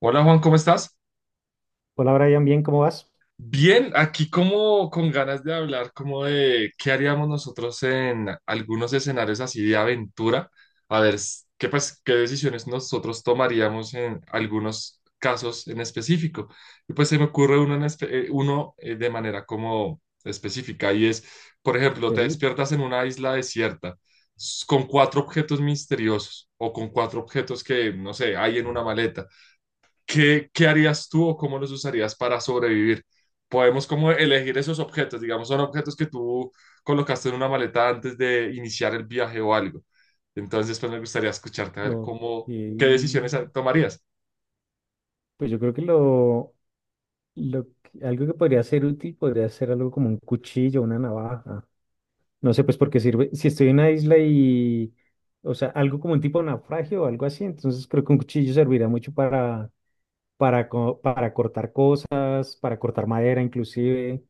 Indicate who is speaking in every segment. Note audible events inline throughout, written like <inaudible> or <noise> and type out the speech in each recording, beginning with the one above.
Speaker 1: Hola Juan, ¿cómo estás?
Speaker 2: Hola Brian, bien, ¿cómo vas?
Speaker 1: Bien, aquí como con ganas de hablar como de qué haríamos nosotros en algunos escenarios así de aventura, a ver qué decisiones nosotros tomaríamos en algunos casos en específico. Y pues se me ocurre uno, de manera como específica y es, por ejemplo, te
Speaker 2: Ok,
Speaker 1: despiertas en una isla desierta con 4 objetos misteriosos o con 4 objetos que, no sé, hay en una maleta. ¿ Qué harías tú o cómo los usarías para sobrevivir? Podemos como elegir esos objetos, digamos, son objetos que tú colocaste en una maleta antes de iniciar el viaje o algo. Entonces, pues me gustaría escucharte a ver
Speaker 2: ok.
Speaker 1: cómo, qué decisiones tomarías.
Speaker 2: Pues yo creo que algo que podría ser útil podría ser algo como un cuchillo, una navaja. No sé, pues porque sirve, si estoy en una isla y, o sea, algo como un tipo de naufragio o algo así, entonces creo que un cuchillo servirá mucho para cortar cosas, para cortar madera inclusive,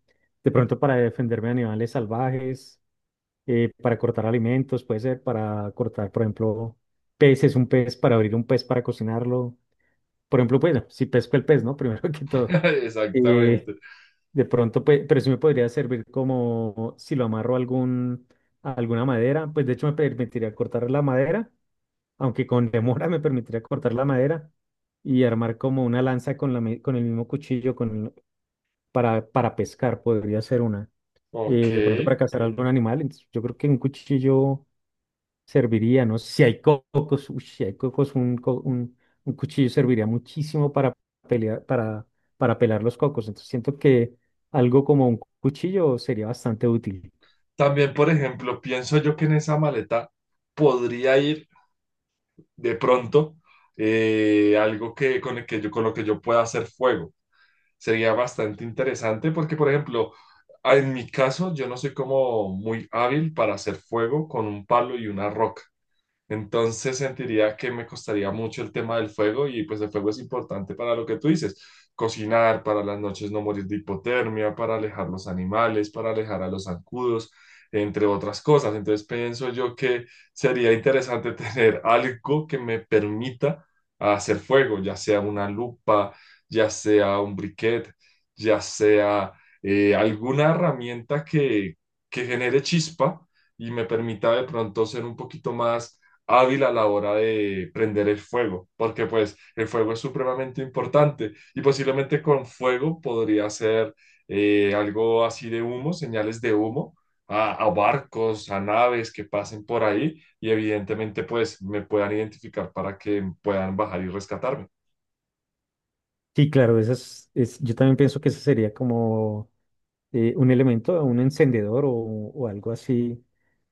Speaker 2: de pronto para defenderme de animales salvajes. Para cortar alimentos, puede ser para cortar, por ejemplo, peces, un pez, para abrir un pez, para cocinarlo. Por ejemplo, pues, si pesco el pez, ¿no? <laughs> Primero que todo.
Speaker 1: <laughs>
Speaker 2: Eh,
Speaker 1: Exactamente.
Speaker 2: de pronto, pues, pero sí me podría servir como si lo amarro a alguna madera, pues de hecho me permitiría cortar la madera, aunque con <laughs> demora me permitiría cortar la madera y armar como una lanza con el mismo cuchillo para pescar, podría ser una
Speaker 1: Ok.
Speaker 2: de pronto para cazar algún animal. Entonces, yo creo que un cuchillo serviría, ¿no? Si hay cocos, uy, si hay cocos, un cuchillo serviría muchísimo para pelear, para pelar los cocos. Entonces siento que algo como un cuchillo sería bastante útil.
Speaker 1: También, por ejemplo, pienso yo que en esa maleta podría ir de pronto, algo que, con el que yo, con lo que yo pueda hacer fuego. Sería bastante interesante porque, por ejemplo, en mi caso, yo no soy como muy hábil para hacer fuego con un palo y una roca. Entonces sentiría que me costaría mucho el tema del fuego y pues el fuego es importante para lo que tú dices, cocinar, para las noches no morir de hipotermia, para alejar los animales, para alejar a los zancudos, entre otras cosas. Entonces pienso yo que sería interesante <laughs> tener algo que me permita hacer fuego, ya sea una lupa, ya sea un briquet, ya sea alguna herramienta que genere chispa y me permita de pronto ser un poquito más hábil a la hora de prender el fuego, porque pues el fuego es supremamente importante y posiblemente con fuego podría ser, algo así de humo, señales de humo a barcos, a naves que pasen por ahí y evidentemente pues me puedan identificar para que puedan bajar y rescatarme.
Speaker 2: Sí, claro, yo también pienso que eso sería como un elemento, un encendedor o algo así.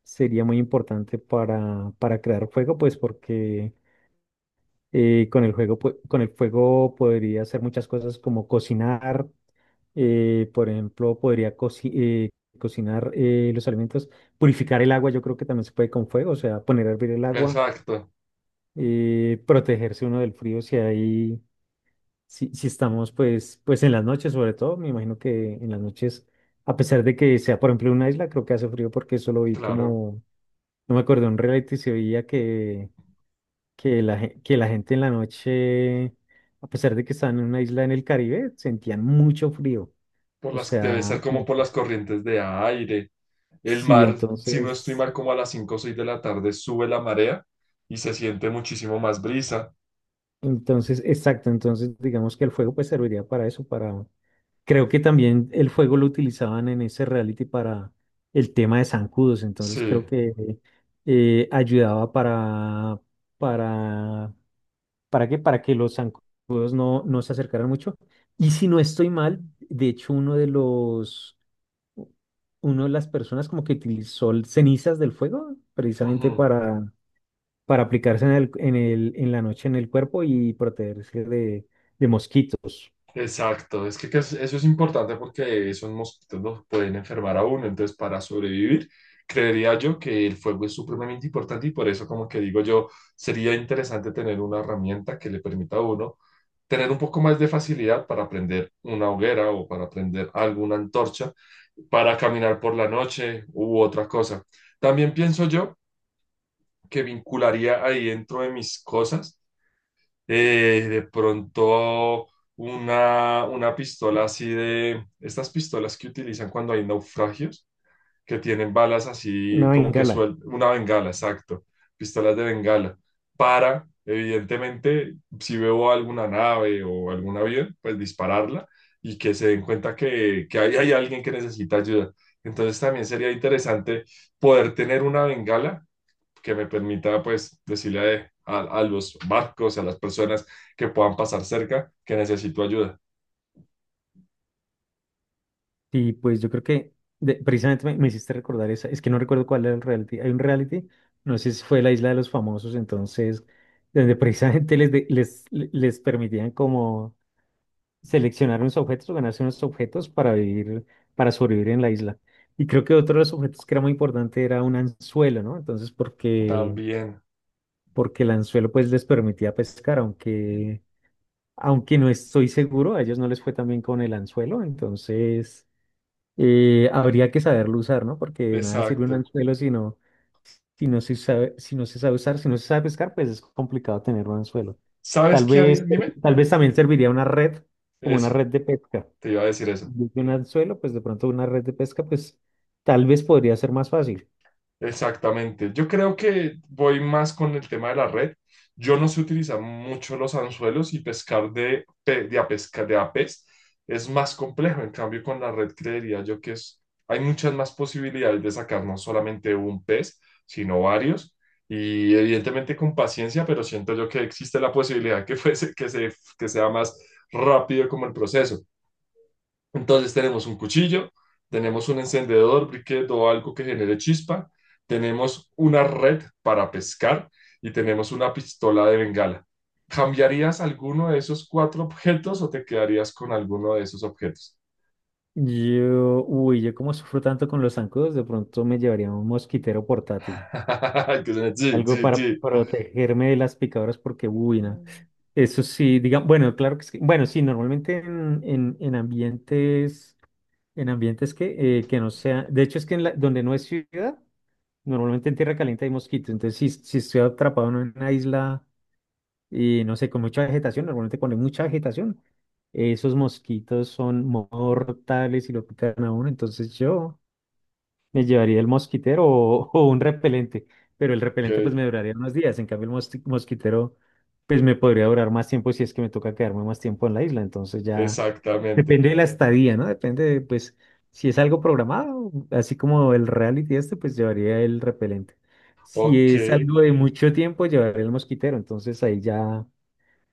Speaker 2: Sería muy importante para crear fuego, pues porque con el fuego podría hacer muchas cosas como cocinar por ejemplo, cocinar los alimentos, purificar el agua, yo creo que también se puede con fuego, o sea, poner a hervir el agua,
Speaker 1: Exacto,
Speaker 2: protegerse uno del frío si hay, si, si estamos pues, pues en las noches sobre todo, me imagino que en las noches, a pesar de que sea por ejemplo una isla, creo que hace frío porque eso lo vi
Speaker 1: claro.
Speaker 2: como, no me acuerdo, en un reality se veía que, que la gente en la noche, a pesar de que estaban en una isla en el Caribe, sentían mucho frío.
Speaker 1: Por
Speaker 2: O
Speaker 1: las, debe
Speaker 2: sea,
Speaker 1: ser como
Speaker 2: como
Speaker 1: por
Speaker 2: que
Speaker 1: las corrientes de aire. El
Speaker 2: sí,
Speaker 1: mar, si no estoy
Speaker 2: entonces,
Speaker 1: mal, como a las 5 o 6 de la tarde sube la marea y se siente muchísimo más brisa.
Speaker 2: entonces, exacto, entonces digamos que el fuego pues serviría para eso, para, creo que también el fuego lo utilizaban en ese reality para el tema de zancudos, entonces
Speaker 1: Sí,
Speaker 2: creo que ayudaba para, ¿para qué? Para que los zancudos no, no se acercaran mucho. Y si no estoy mal, de hecho uno de las personas como que utilizó cenizas del fuego precisamente
Speaker 1: ujú,
Speaker 2: para aplicarse en la noche en el cuerpo y protegerse de mosquitos.
Speaker 1: exacto. Es que, eso es importante porque esos mosquitos los pueden enfermar a uno. Entonces, para sobrevivir, creería yo que el fuego es supremamente importante y por eso, como que digo yo, sería interesante tener una herramienta que le permita a uno tener un poco más de facilidad para prender una hoguera o para prender alguna antorcha, para caminar por la noche u otra cosa. También pienso yo que vincularía ahí dentro de mis cosas, de pronto una pistola así de estas pistolas que utilizan cuando hay naufragios, que tienen balas así
Speaker 2: Una
Speaker 1: como que
Speaker 2: bengala.
Speaker 1: suel, una bengala, exacto, pistolas de bengala, para, evidentemente, si veo alguna nave o algún avión, pues dispararla y que se den cuenta que ahí hay alguien que necesita ayuda. Entonces también sería interesante poder tener una bengala que me permita pues decirle a, a los barcos, a las personas que puedan pasar cerca que necesito ayuda.
Speaker 2: Y pues yo creo que precisamente me hiciste recordar esa. Es que no recuerdo cuál era el reality. Hay un reality, no sé si fue la Isla de los Famosos, entonces, donde precisamente les permitían como seleccionar unos objetos o ganarse unos objetos para vivir, para sobrevivir en la isla. Y creo que otro de los objetos que era muy importante era un anzuelo, ¿no? Entonces, porque
Speaker 1: También,
Speaker 2: porque el anzuelo pues les permitía pescar, aunque, aunque no estoy seguro, a ellos no les fue tan bien con el anzuelo, entonces habría que saberlo usar, ¿no? Porque de nada sirve un
Speaker 1: exacto.
Speaker 2: anzuelo si no, si no se sabe, si no se sabe usar, si no se sabe pescar, pues es complicado tener un anzuelo.
Speaker 1: ¿Sabes
Speaker 2: Tal
Speaker 1: qué haría?
Speaker 2: vez,
Speaker 1: Dime,
Speaker 2: tal vez también serviría una red, como una
Speaker 1: eso,
Speaker 2: red de pesca.
Speaker 1: te iba a decir eso.
Speaker 2: En vez de un anzuelo, pues de pronto una red de pesca, pues tal vez podría ser más fácil.
Speaker 1: Exactamente. Yo creo que voy más con el tema de la red. Yo no sé utilizar mucho los anzuelos y pescar a pesca, de a pez es más complejo. En cambio, con la red creería yo que es, hay muchas más posibilidades de sacar no solamente un pez, sino varios. Y evidentemente con paciencia, pero siento yo que existe la posibilidad que fuese, que sea más rápido como el proceso. Entonces tenemos un cuchillo, tenemos un encendedor, briquet o algo que genere chispa, tenemos una red para pescar y tenemos una pistola de bengala. ¿Cambiarías alguno de esos 4 objetos o te quedarías con alguno de esos objetos?
Speaker 2: Yo, uy, yo como sufro tanto con los zancudos, de pronto me llevaría un mosquitero portátil,
Speaker 1: <laughs> Que suena, sí,
Speaker 2: algo
Speaker 1: sí,
Speaker 2: para <laughs>
Speaker 1: sí.
Speaker 2: protegerme de las picadoras porque, uy, no. Eso sí, diga, bueno, claro que sí. Bueno, sí, normalmente en ambientes que no sea, de hecho es que donde no es ciudad, normalmente en tierra caliente hay mosquitos, entonces si, si estoy atrapado en una isla y no sé, con mucha vegetación, normalmente cuando hay mucha vegetación, esos mosquitos son mortales y lo pican a uno, entonces yo... Me llevaría el mosquitero o, <laughs> o un repelente, pero el repelente pues
Speaker 1: Ok,
Speaker 2: me duraría unos días, en cambio el mosquitero pues me podría durar más tiempo si es que me toca quedarme más tiempo en la isla, entonces ya
Speaker 1: exactamente.
Speaker 2: depende de la estadía, ¿no? Depende de, pues si es algo programado, así como el reality este, pues llevaría el repelente.
Speaker 1: Ok.
Speaker 2: Si es algo de mucho tiempo, llevaría el mosquitero, entonces ahí ya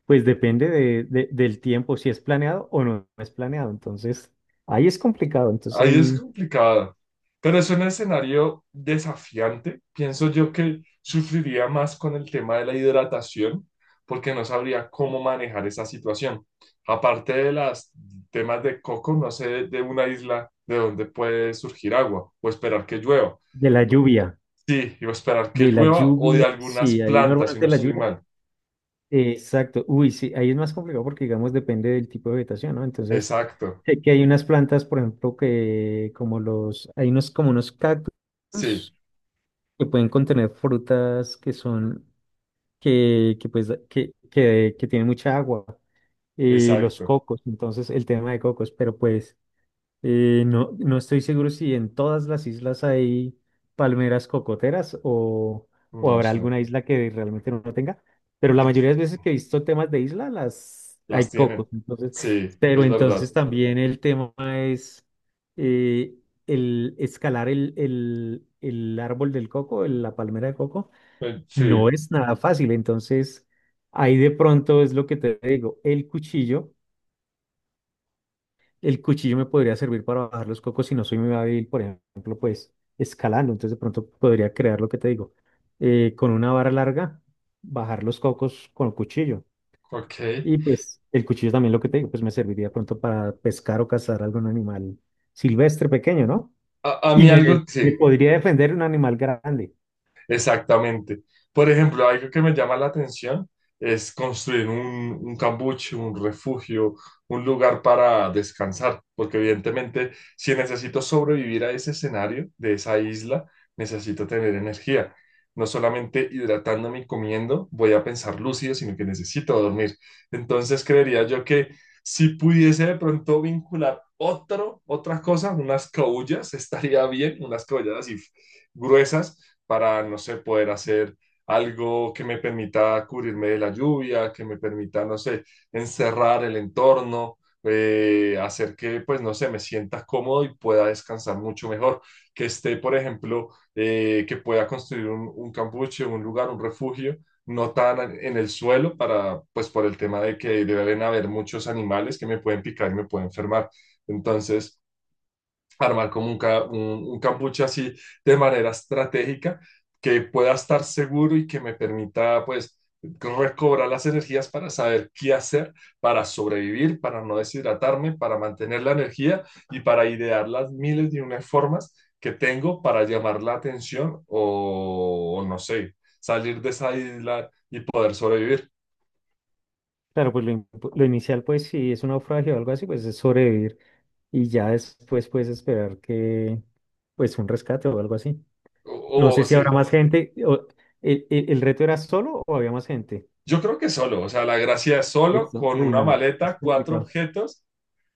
Speaker 2: pues depende de, del tiempo, si es planeado o no es planeado, entonces ahí es complicado, entonces
Speaker 1: Ahí es
Speaker 2: ahí
Speaker 1: complicado, pero es un escenario desafiante. Pienso yo que sufriría más con el tema de la hidratación porque no sabría cómo manejar esa situación. Aparte de los temas de coco, no sé de una isla de donde puede surgir agua o esperar que llueva.
Speaker 2: de la lluvia.
Speaker 1: Sí, o esperar que
Speaker 2: De la
Speaker 1: llueva o de
Speaker 2: lluvia,
Speaker 1: algunas
Speaker 2: sí, ahí
Speaker 1: plantas, si no
Speaker 2: normalmente la
Speaker 1: estoy
Speaker 2: lluvia.
Speaker 1: mal.
Speaker 2: Exacto, uy, sí, ahí es más complicado porque, digamos, depende del tipo de vegetación, ¿no? Entonces,
Speaker 1: Exacto,
Speaker 2: sé que hay unas plantas, por ejemplo, que como los, hay unos, como unos cactus
Speaker 1: sí,
Speaker 2: que pueden contener frutas que son, que pues, que tienen mucha agua, y los
Speaker 1: exacto.
Speaker 2: cocos, entonces, el tema de cocos, pero pues. No, no estoy seguro si en todas las islas hay palmeras cocoteras o
Speaker 1: No
Speaker 2: habrá
Speaker 1: sé,
Speaker 2: alguna isla que realmente no tenga, pero la
Speaker 1: de-
Speaker 2: mayoría de las veces que he visto temas de isla, las
Speaker 1: las
Speaker 2: hay cocos.
Speaker 1: tienen.
Speaker 2: Entonces,
Speaker 1: Sí,
Speaker 2: pero
Speaker 1: es
Speaker 2: entonces
Speaker 1: verdad.
Speaker 2: también el tema es eh, el escalar el árbol del coco, la palmera de coco, no
Speaker 1: Sí,
Speaker 2: es nada fácil. Entonces, ahí de pronto es lo que te digo, el cuchillo me podría servir para bajar los cocos si no soy muy hábil, por ejemplo, pues escalando. Entonces de pronto podría crear lo que te digo, con una vara larga, bajar los cocos con el cuchillo.
Speaker 1: ok.
Speaker 2: Y pues el cuchillo también lo que te digo, pues me serviría de pronto para pescar o cazar algún animal silvestre pequeño, ¿no?
Speaker 1: A
Speaker 2: Y
Speaker 1: mí algo, sí.
Speaker 2: me podría defender un animal grande.
Speaker 1: Exactamente. Por ejemplo, algo que me llama la atención es construir un cambuche, un refugio, un lugar para descansar, porque evidentemente si necesito sobrevivir a ese escenario de esa isla, necesito tener energía. No solamente hidratándome y comiendo voy a pensar lúcido, sino que necesito dormir. Entonces creería yo que si pudiese de pronto vincular otro, otra cosa, unas caullas, <laughs> estaría bien, unas caullas así gruesas para, no sé, poder hacer algo que me permita cubrirme de la lluvia, que me permita, no sé, encerrar el entorno, hacer que, pues, no sé, me sienta cómodo y pueda descansar mucho mejor, que esté, por ejemplo, que pueda construir un campuche, un lugar, un refugio, no tan en el suelo para, pues, por el tema de que deben haber muchos animales que me pueden picar y me pueden enfermar. Entonces, armar como un cambuche así de manera estratégica que pueda estar seguro y que me permita pues recobrar las energías para saber qué hacer, para sobrevivir, para no deshidratarme, para mantener la energía y para idear las miles de unas formas que tengo para llamar la atención o no sé, salir de esa isla y poder sobrevivir.
Speaker 2: Claro, pues lo inicial, pues si es un naufragio o algo así, pues es sobrevivir y ya después puedes esperar que, pues un rescate o algo así. No sé
Speaker 1: O
Speaker 2: si
Speaker 1: sí,
Speaker 2: habrá más gente. El reto era solo o había más gente?
Speaker 1: yo creo que solo, o sea, la gracia es solo
Speaker 2: Listo.
Speaker 1: con
Speaker 2: Uy,
Speaker 1: una
Speaker 2: no, es
Speaker 1: maleta, cuatro
Speaker 2: complicado.
Speaker 1: objetos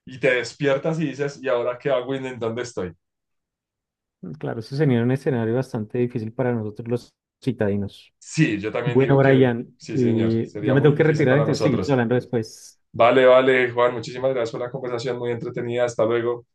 Speaker 1: y te despiertas y dices, ¿y ahora qué hago y en dónde estoy?
Speaker 2: Claro, eso sería un escenario bastante difícil para nosotros los citadinos.
Speaker 1: Sí, yo también
Speaker 2: Bueno,
Speaker 1: digo que
Speaker 2: Brian,
Speaker 1: sí, señor,
Speaker 2: ya
Speaker 1: sería
Speaker 2: me
Speaker 1: muy
Speaker 2: tengo que
Speaker 1: difícil
Speaker 2: retirar,
Speaker 1: para
Speaker 2: entonces seguimos
Speaker 1: nosotros.
Speaker 2: hablando después.
Speaker 1: Vale, vale, Juan, muchísimas gracias por la conversación, muy entretenida, hasta luego.